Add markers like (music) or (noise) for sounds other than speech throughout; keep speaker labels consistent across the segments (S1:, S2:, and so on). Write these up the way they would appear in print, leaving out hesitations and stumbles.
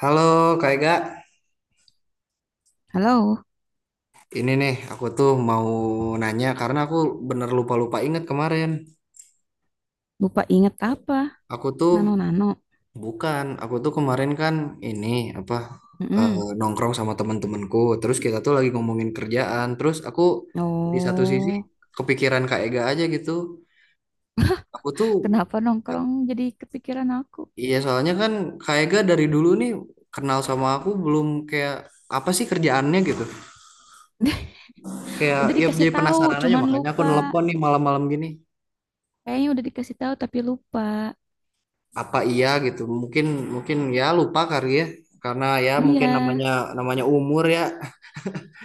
S1: Halo Kak Ega,
S2: Halo,
S1: ini nih aku tuh mau nanya karena aku bener lupa-lupa inget kemarin.
S2: lupa inget apa?
S1: Aku tuh
S2: Nano Nano.
S1: bukan, aku tuh kemarin kan ini apa
S2: Mm-mm.
S1: nongkrong sama temen-temenku. Terus kita tuh lagi ngomongin kerjaan. Terus aku di satu sisi
S2: Oh,
S1: kepikiran Kak Ega aja gitu. Aku tuh
S2: kenapa nongkrong jadi kepikiran aku?
S1: iya soalnya kan Kak Ega dari dulu nih kenal sama aku belum kayak apa sih kerjaannya gitu.
S2: (laughs)
S1: Kayak
S2: Udah
S1: ya
S2: dikasih
S1: jadi
S2: tahu,
S1: penasaran aja
S2: cuman
S1: makanya aku
S2: lupa.
S1: nelpon nih malam-malam gini.
S2: Kayaknya udah dikasih tahu tapi lupa.
S1: Apa iya gitu mungkin mungkin ya lupa kali ya karena ya
S2: Iya,
S1: mungkin namanya namanya umur ya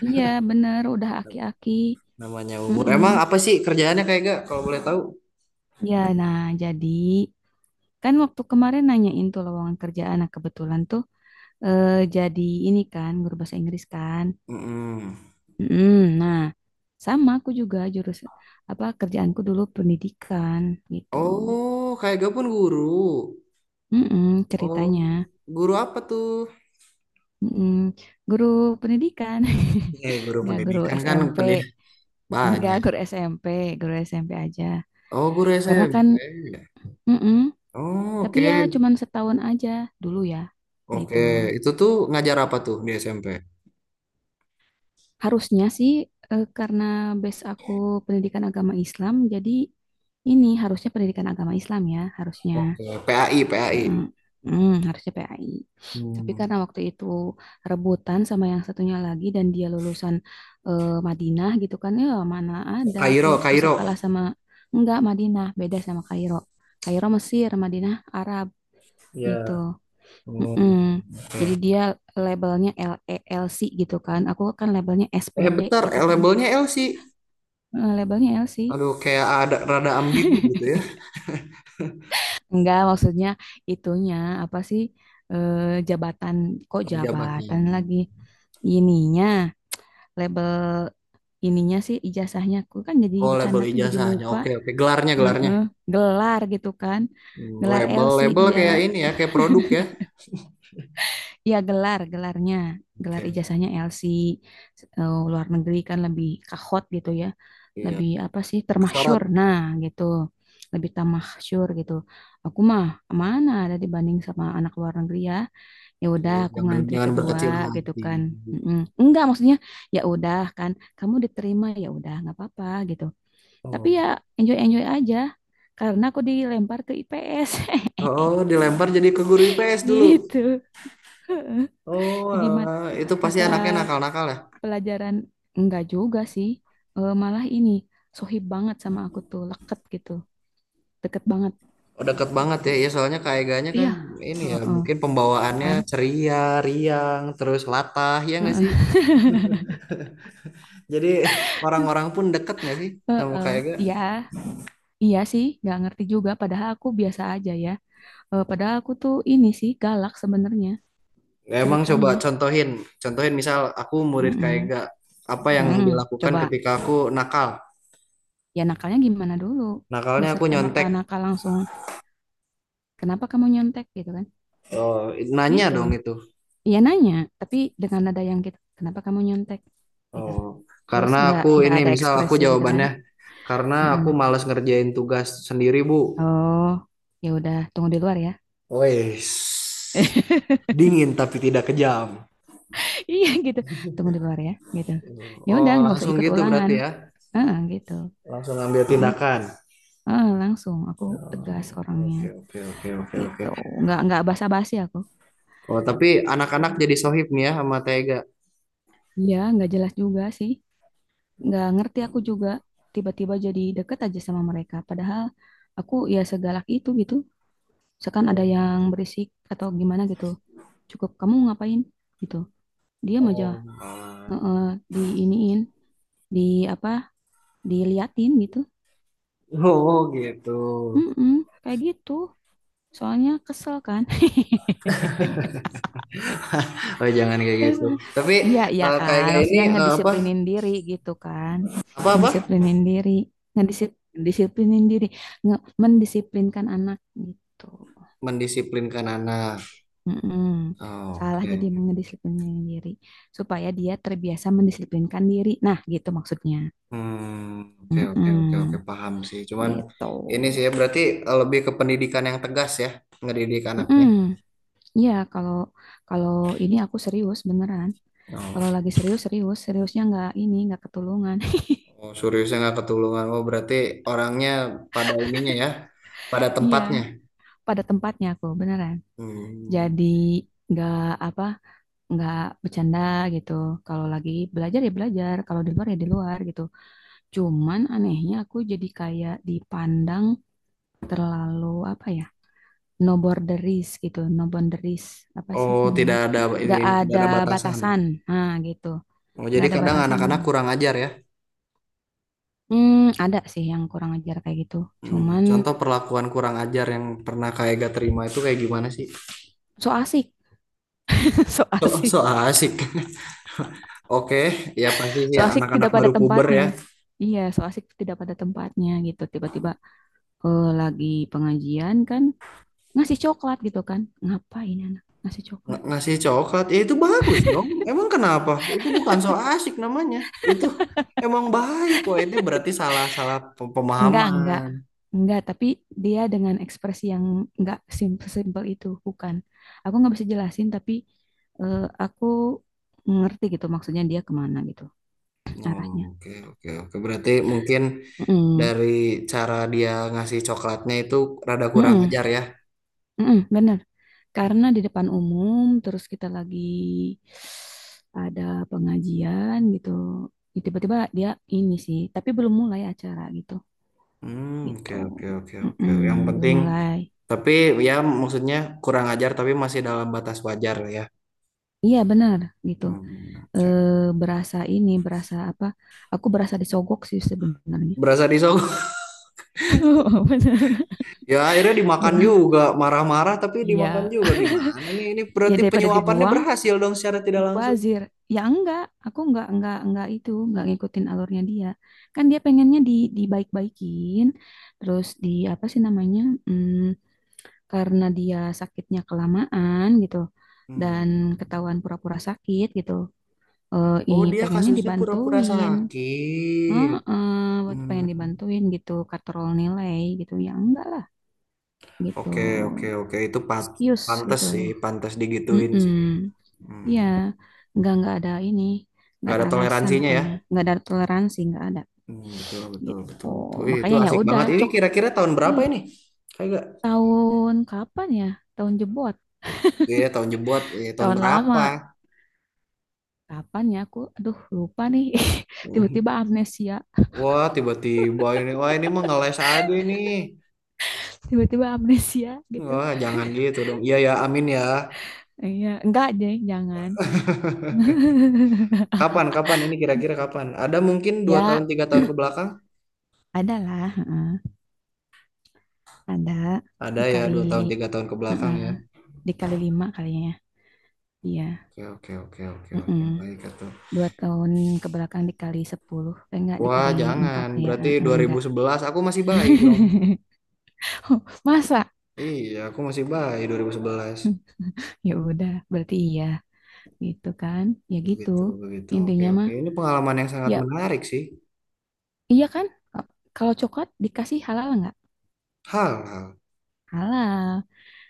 S2: iya bener, udah aki-aki.
S1: namanya umur
S2: Mm-mm.
S1: emang apa sih kerjaannya kayak gak kalau boleh tahu.
S2: Ya, nah jadi kan waktu kemarin nanyain tuh lowongan kerjaan, nah kebetulan tuh jadi ini kan guru bahasa Inggris kan.
S1: Mm-mm.
S2: Mm, nah, sama aku juga jurus apa kerjaanku dulu pendidikan gitu.
S1: Oh kayak gak pun guru.
S2: Mm-mm,
S1: Oh
S2: ceritanya.
S1: guru apa tuh
S2: Mm-mm, guru pendidikan,
S1: guru
S2: (laughs) nggak
S1: pendidikan kan
S2: guru SMP,
S1: banyak.
S2: nggak guru SMP, guru SMP aja.
S1: Oh guru
S2: Karena kan,
S1: SMP.
S2: mm-mm,
S1: Oh
S2: tapi
S1: oke
S2: ya cuman setahun aja dulu ya,
S1: oke
S2: gitu.
S1: itu tuh ngajar apa tuh di SMP.
S2: Harusnya sih karena base aku pendidikan agama Islam, jadi ini harusnya pendidikan agama Islam ya, harusnya.
S1: Oke PAI PAI
S2: Mm-mm. Harusnya PAI. Tapi
S1: hmm.
S2: karena waktu itu rebutan sama yang satunya lagi dan dia lulusan Madinah gitu kan, ya mana ada aku
S1: Kairo
S2: bisa
S1: Kairo
S2: kalah sama enggak Madinah, beda sama Kairo. Kairo Mesir, Madinah Arab
S1: ya.
S2: gitu.
S1: Hmm,
S2: Mm-mm.
S1: oke.
S2: Jadi dia labelnya LELC gitu kan. Aku kan labelnya
S1: Eh
S2: SPD
S1: bentar,
S2: gitu kan.
S1: labelnya L sih.
S2: Labelnya LC.
S1: Aduh, kayak ada rada ambigu gitu ya.
S2: Enggak, maksudnya itunya apa sih, eh, jabatan, kok
S1: Eh, jabatan.
S2: jabatan lagi, ininya label, ininya sih ijazahnya aku, kan jadi
S1: Oh, label
S2: bercanda tuh jadi
S1: ijazahnya.
S2: lupa.
S1: Oke, oke. Gelarnya, gelarnya.
S2: Heeh, gelar gitu kan,
S1: Hmm,
S2: gelar
S1: label,
S2: LC
S1: label
S2: dia,
S1: kayak ini ya, kayak produk ya.
S2: ya gelar gelarnya, gelar
S1: Oke.
S2: ijazahnya LC. Luar negeri kan lebih kahot gitu ya,
S1: Iya.
S2: lebih apa sih,
S1: Kesorot.
S2: termasyur, nah gitu, lebih termasyur gitu. Aku mah mana ada dibanding sama anak luar negeri ya, ya udah
S1: Iya,
S2: aku
S1: jangan
S2: ngantri
S1: jangan
S2: kedua
S1: berkecil
S2: gitu
S1: hati.
S2: kan. Mm-mm. Enggak, maksudnya ya udah kan, kamu diterima ya udah nggak apa-apa gitu. Tapi ya
S1: Oh.
S2: enjoy enjoy aja karena aku dilempar ke IPS
S1: Oh, oh, dilempar jadi ke guru IPS
S2: (laughs)
S1: dulu.
S2: gitu. (laughs)
S1: Oh,
S2: Jadi mat-
S1: alah. Itu pasti
S2: mata
S1: anaknya nakal-nakal ya.
S2: pelajaran, enggak juga sih. Malah ini, sohib banget sama aku tuh, leket gitu, deket banget.
S1: Oh, deket banget ya. Iya, soalnya Kak Eganya kan
S2: Iya.
S1: ini ya,
S2: Heeh,
S1: mungkin pembawaannya
S2: kan.
S1: ceria, riang, terus latah, ya nggak sih?
S2: Heeh.
S1: Jadi orang-orang pun deket nggak
S2: (laughs)
S1: sih sama Kak
S2: Heeh.
S1: Ega?
S2: Iya, iya sih, nggak ngerti juga. Padahal aku biasa aja ya. Padahal aku tuh ini sih galak sebenarnya,
S1: Emang coba
S2: ceritanya.
S1: contohin, contohin misal aku murid Kak
S2: Mm-mm.
S1: Ega, apa yang
S2: Mm-mm.
S1: dilakukan
S2: Coba,
S1: ketika aku nakal?
S2: ya nakalnya gimana dulu?
S1: Nakalnya
S2: Nggak
S1: aku
S2: serta-merta
S1: nyontek.
S2: nakal langsung. Kenapa kamu nyontek gitu kan?
S1: Oh, nanya
S2: Gitu.
S1: dong itu.
S2: Iya nanya, tapi dengan nada yang gitu. Kenapa kamu nyontek? Gitu.
S1: Oh,
S2: Terus
S1: karena
S2: nggak
S1: aku
S2: nggak
S1: ini
S2: ada
S1: misal aku
S2: ekspresi gitu kan?
S1: jawabannya karena
S2: Mm-mm.
S1: aku malas ngerjain tugas sendiri, Bu.
S2: Oh, ya udah tunggu di luar ya.
S1: Wes.
S2: (laughs)
S1: Dingin tapi tidak kejam.
S2: Iya gitu. Tunggu di luar ya. Gitu. Ya udah
S1: Oh,
S2: nggak usah
S1: langsung
S2: ikut
S1: gitu berarti
S2: ulangan.
S1: ya.
S2: Heeh, gitu.
S1: Langsung ambil
S2: Gitu.
S1: tindakan.
S2: Heeh, langsung aku tegas
S1: Oh,
S2: orangnya.
S1: oke, oke, oke, oke, oke.
S2: Gitu, nggak basa-basi aku.
S1: Oh, tapi anak-anak jadi sohib nih ya sama Tega.
S2: Iya nggak jelas juga sih, nggak ngerti aku juga, tiba-tiba jadi deket aja sama mereka. Padahal aku ya segalak itu gitu, misalkan ada
S1: Oh,
S2: yang berisik atau gimana gitu, cukup kamu ngapain, gitu, diam aja.
S1: oh. Ah.
S2: Heeh, di di apa, diliatin gitu.
S1: Oh gitu.
S2: Mm-mm, kayak gitu soalnya kesel kan. (laughs)
S1: Oh jangan kayak
S2: Terus,
S1: gitu. Tapi
S2: iya, iya
S1: kayak
S2: kan.
S1: gak ini
S2: Maksudnya
S1: apa
S2: ngedisiplinin diri gitu kan.
S1: apa apa
S2: Ngedisiplinin diri. Ngedisip, Ngedisiplinin disiplinin diri. Mendisiplinkan anak gitu.
S1: mendisiplinkan anak.
S2: Mm-mm.
S1: Oh,
S2: Salah jadi
S1: oke.
S2: mengedisiplinin diri. Supaya dia terbiasa mendisiplinkan diri. Nah, gitu maksudnya.
S1: Hmm, oke oke oke oke
S2: Mm-mm.
S1: paham sih. Cuman
S2: Gitu.
S1: ini sih ya berarti lebih ke pendidikan yang tegas ya ngedidik
S2: Mm-mm.
S1: anaknya.
S2: Iya, kalau kalau ini aku serius beneran.
S1: Oh,
S2: Kalau lagi serius, serius. Seriusnya nggak ini, nggak ketulungan. (laughs)
S1: oh seriusnya nggak ketulungan. Oh berarti orangnya pada ininya ya, pada
S2: Iya,
S1: tempatnya.
S2: pada tempatnya aku beneran.
S1: Hmm.
S2: Jadi nggak, apa, nggak bercanda gitu. Kalau lagi belajar ya belajar, kalau di luar ya di luar gitu. Cuman anehnya aku jadi kayak dipandang terlalu, apa ya, no borderis gitu, no boundaries, apa sih
S1: Oh,
S2: namanya,
S1: tidak ada
S2: nggak
S1: ini, tidak
S2: ada
S1: ada batasan.
S2: batasan, nah gitu,
S1: Oh,
S2: nggak
S1: jadi
S2: ada
S1: kadang
S2: batasan.
S1: anak-anak kurang ajar ya.
S2: Hmm, ada sih yang kurang ajar kayak gitu,
S1: Hmm,
S2: cuman
S1: contoh perlakuan kurang ajar yang pernah kayak gak terima itu kayak gimana sih?
S2: so asik. (laughs) So
S1: So, so
S2: asik,
S1: asik. (laughs) Oke, ya pasti sih
S2: so
S1: ya,
S2: asik
S1: anak-anak
S2: tidak pada
S1: baru puber
S2: tempatnya.
S1: ya.
S2: Iya, so asik tidak pada tempatnya gitu. Tiba-tiba, lagi pengajian kan, ngasih coklat gitu kan. Ngapain anak ngasih coklat gitu.
S1: Ngasih coklat, ya itu bagus dong. Emang kenapa? Itu bukan so asik namanya. Itu emang baik. Wah, itu berarti salah-salah
S2: Enggak, enggak.
S1: pemahaman.
S2: Enggak, tapi dia dengan ekspresi yang enggak simple-simple itu, bukan. Aku nggak bisa jelasin, tapi eh, aku ngerti gitu maksudnya, dia kemana gitu,
S1: Hmm,
S2: arahnya.
S1: oke, oke, oke. Berarti mungkin
S2: Mm-mm.
S1: dari cara dia ngasih coklatnya itu rada kurang
S2: Mm-mm.
S1: ajar ya.
S2: Mm-mm, bener. Karena
S1: Hmm,
S2: di depan umum, terus kita lagi ada pengajian gitu. Tiba-tiba dia ini sih, tapi belum mulai acara gitu.
S1: oke
S2: Gitu.
S1: oke oke oke.
S2: Mm-mm,
S1: Yang
S2: belum
S1: penting
S2: mulai.
S1: tapi ya maksudnya kurang ajar tapi masih dalam batas wajar lah ya.
S2: Iya benar, gitu.
S1: Hmm,
S2: Eh,
S1: oke.
S2: berasa ini, berasa apa? Aku berasa disogok sih sebenarnya.
S1: Berasa disogok. (laughs)
S2: (laughs) Benar.
S1: Ya akhirnya dimakan
S2: Ber-
S1: juga, marah-marah tapi dimakan
S2: Iya.
S1: juga gimana nih? Ini
S2: Ya
S1: berarti
S2: daripada
S1: penyuapannya
S2: dibuang,
S1: berhasil dong secara tidak langsung.
S2: bazir. Ya enggak, aku enggak itu, enggak ngikutin alurnya dia. Kan dia pengennya dibaik-baikin, terus di apa sih namanya, mm, karena dia sakitnya kelamaan gitu dan
S1: Hmm.
S2: ketahuan pura-pura sakit gitu.
S1: Oh, dia
S2: Pengennya
S1: kasusnya pura-pura
S2: dibantuin.
S1: sakit.
S2: Heeh, pengen
S1: Hmm.
S2: dibantuin gitu, katrol nilai gitu. Ya enggak lah gitu.
S1: Oke oke oke itu
S2: No Excuse
S1: pantes
S2: gitu.
S1: sih, pantes digituin sih.
S2: Mm-mm.
S1: Hmm.
S2: Iya, enggak ada ini, enggak
S1: Gak
S2: ada
S1: ada
S2: alasan
S1: toleransinya ya.
S2: pokoknya. Enggak ada toleransi, enggak ada.
S1: Hmm, betul, betul,
S2: Gitu.
S1: betul, betul. Wih, itu
S2: Makanya ya
S1: asik
S2: udah,
S1: banget. Ini
S2: cok.
S1: kira-kira tahun berapa
S2: Ih,
S1: ini? Kayak gak?
S2: tahun kapan ya? Tahun jebot,
S1: Iya, tahun jebot. Iya, tahun
S2: tahun
S1: berapa?
S2: lama.
S1: (laughs)
S2: Kapan ya aku? Aduh, lupa nih. (laughs) Tiba-tiba amnesia,
S1: Wah, tiba-tiba ini. Wah, ini mah ngeles aja ini.
S2: tiba-tiba amnesia gitu.
S1: Wah, jangan gitu dong. Iya ya, amin ya.
S2: Iya, enggak deh, jangan.
S1: Kapan, kapan? Ini kira-kira kapan? Ada mungkin dua
S2: Ya,
S1: tahun, tiga tahun
S2: (clears throat)
S1: ke belakang?
S2: ada lah, heeh. Ada
S1: Ada ya,
S2: dikali,
S1: dua tahun, tiga tahun ke belakang
S2: heeh,
S1: ya.
S2: dikali lima kalinya, ya. Iya,
S1: Oke, oke, oke, oke, oke.
S2: heeh.
S1: Baik, itu.
S2: Dua tahun ke belakang dikali sepuluh, enggak,
S1: Wah,
S2: dikali empat
S1: jangan.
S2: ya,
S1: Berarti
S2: heeh,
S1: dua ribu
S2: enggak.
S1: sebelas aku masih bayi dong.
S2: (laughs) Oh, masa?
S1: Iya, aku masih bayi 2011.
S2: Ya udah, berarti iya, gitu kan? Ya gitu,
S1: Begitu, begitu. Oke,
S2: intinya
S1: oke.
S2: mah,
S1: Ini pengalaman yang sangat
S2: ya
S1: menarik sih.
S2: iya kan? Kalau coklat dikasih halal enggak?
S1: Hal, hal.
S2: Halal.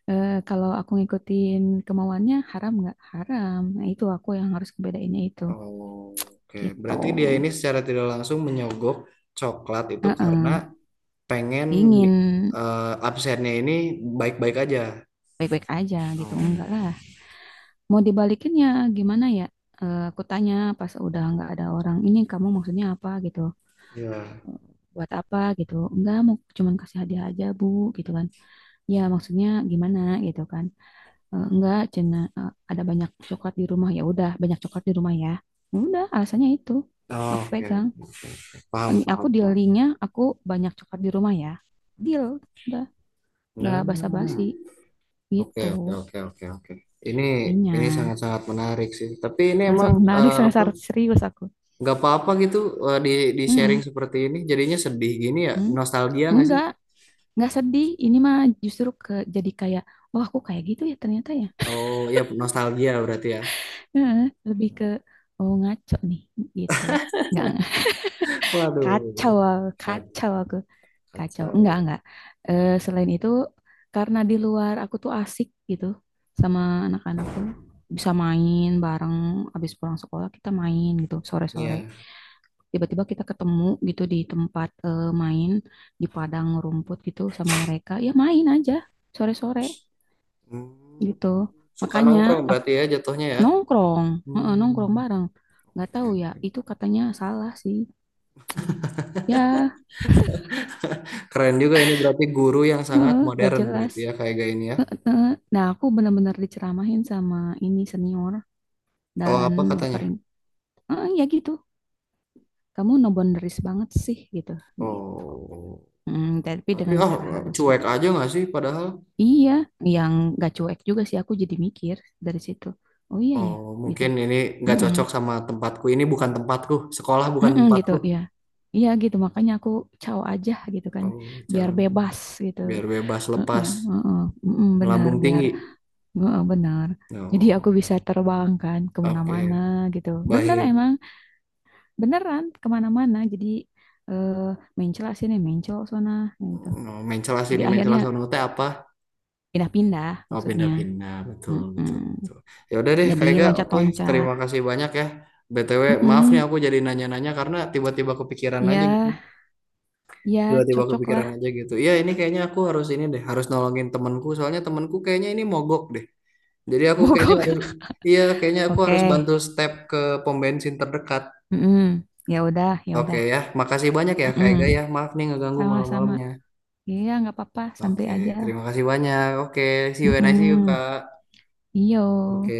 S2: Kalau aku ngikutin kemauannya haram nggak? Haram. Nah, itu aku yang harus kebedainnya itu.
S1: Oh, oke,
S2: Gitu.
S1: berarti dia ini secara tidak langsung menyogok coklat itu karena
S2: Heeh.
S1: pengen
S2: Ingin
S1: absennya ini baik-baik aja.
S2: baik-baik aja gitu.
S1: Oh,
S2: Enggak lah. Mau dibalikin ya gimana ya? Aku tanya pas udah nggak ada orang. Ini kamu maksudnya apa gitu?
S1: ya.
S2: Buat apa gitu? Enggak, mau cuman kasih hadiah aja bu, gitu kan. Ya maksudnya gimana gitu kan. Enggak, cina, eh, ada banyak coklat di rumah. Ya udah, banyak coklat di rumah ya. Ya udah, alasannya itu. Aku
S1: Oke,
S2: pegang.
S1: paham,
S2: Ini aku
S1: paham, paham.
S2: dealingnya aku, banyak coklat di rumah ya. Deal, udah nggak basa-basi
S1: Nah, oke,
S2: gitu.
S1: oke, oke, oke, oke. Ini ini
S2: Intinya,
S1: sangat-sangat menarik sih. Tapi ini emang
S2: sangat menarik,
S1: apa?
S2: sangat serius aku.
S1: Nggak apa-apa gitu eh, di di sharing
S2: Mm-mm.
S1: seperti ini. Jadinya sedih gini ya.
S2: Mm.
S1: Nostalgia nggak sih?
S2: Enggak, enggak sedih. Ini mah justru ke jadi kayak, oh aku kayak gitu ya ternyata ya.
S1: Oh ya nostalgia berarti ya.
S2: Heeh, lebih ke, oh ngaco nih gitu. Enggak.
S1: Waduh,
S2: Kacau,
S1: kan,
S2: kacau aku. Kacau.
S1: kacau
S2: Enggak,
S1: ya.
S2: enggak. Selain itu, karena di luar aku tuh asik gitu sama anak-anak tuh. Bisa main bareng, habis pulang sekolah kita main gitu, sore-sore.
S1: Ya.
S2: Tiba-tiba kita ketemu gitu di tempat, main, di padang rumput gitu sama mereka. Ya main aja, sore-sore
S1: Hmm,
S2: gitu.
S1: suka
S2: Makanya
S1: nongkrong
S2: aku
S1: berarti ya jatuhnya ya.
S2: nongkrong, heeh, nongkrong
S1: Hmm.
S2: bareng. Nggak tahu ya, itu katanya salah sih. Ya,
S1: Keren juga ini berarti guru yang sangat
S2: heeh, nggak
S1: modern
S2: jelas.
S1: berarti ya kayak gaya ini ya.
S2: Heeh. Nah, aku benar-benar diceramahin sama ini senior,
S1: Oh
S2: dan
S1: apa katanya?
S2: dipering. "Eh, ya gitu. Kamu no boundaries banget sih gitu." Gitu.
S1: Oh
S2: Hmm, tapi
S1: tapi
S2: dengan
S1: oh
S2: cara halus
S1: cuek
S2: gitu.
S1: aja nggak sih padahal.
S2: Iya, yang gak cuek juga sih aku, jadi mikir dari situ. Oh iya ya,
S1: Oh
S2: gitu.
S1: mungkin ini nggak
S2: Mm-mm.
S1: cocok sama tempatku. Ini bukan tempatku. Sekolah bukan
S2: Mm-mm, gitu
S1: tempatku.
S2: ya. Iya gitu, makanya aku caw aja gitu kan,
S1: Oh
S2: biar
S1: jauh.
S2: bebas gitu.
S1: Biar bebas
S2: Heeh,
S1: lepas
S2: heeh, mm-mm, benar,
S1: melambung
S2: biar,
S1: tinggi.
S2: heeh, benar. Jadi aku
S1: Oh
S2: bisa terbang kan
S1: oke.
S2: kemana-mana gitu. Bener,
S1: Baik,
S2: emang beneran kemana-mana, jadi eh, mencela sini mencol sana gitu,
S1: mencela
S2: jadi
S1: sini mencela
S2: akhirnya
S1: sono teh apa,
S2: pindah-pindah
S1: oh
S2: maksudnya.
S1: pindah-pindah, betul
S2: Mm-mm.
S1: betul betul. Ya udah deh Kak
S2: Jadi
S1: Ega, oke,
S2: loncat-loncat.
S1: terima kasih banyak ya. BTW, maaf nih
S2: Mm-mm.
S1: aku jadi nanya-nanya karena tiba-tiba kepikiran aja gitu.
S2: Ya, ya
S1: Tiba-tiba
S2: cocok lah.
S1: kepikiran aja gitu, iya, ini kayaknya aku harus ini deh, harus nolongin temanku, soalnya temanku kayaknya ini mogok deh, jadi
S2: (laughs)
S1: aku kayaknya
S2: Mogok.
S1: harus, iya kayaknya aku harus
S2: Oke.
S1: bantu step ke pom bensin terdekat.
S2: Mm-mm. Ya udah, ya
S1: Oke
S2: udah.
S1: ya, makasih banyak ya Kak Ega ya,
S2: Mm-mm.
S1: maaf nih ngeganggu
S2: Sama-sama.
S1: malam-malamnya.
S2: Iya, nggak apa-apa, santuy
S1: Oke,
S2: aja.
S1: terima kasih banyak. Oke, see you and I see you,
S2: Mm-mm.
S1: Kak.
S2: Iyo.
S1: Oke.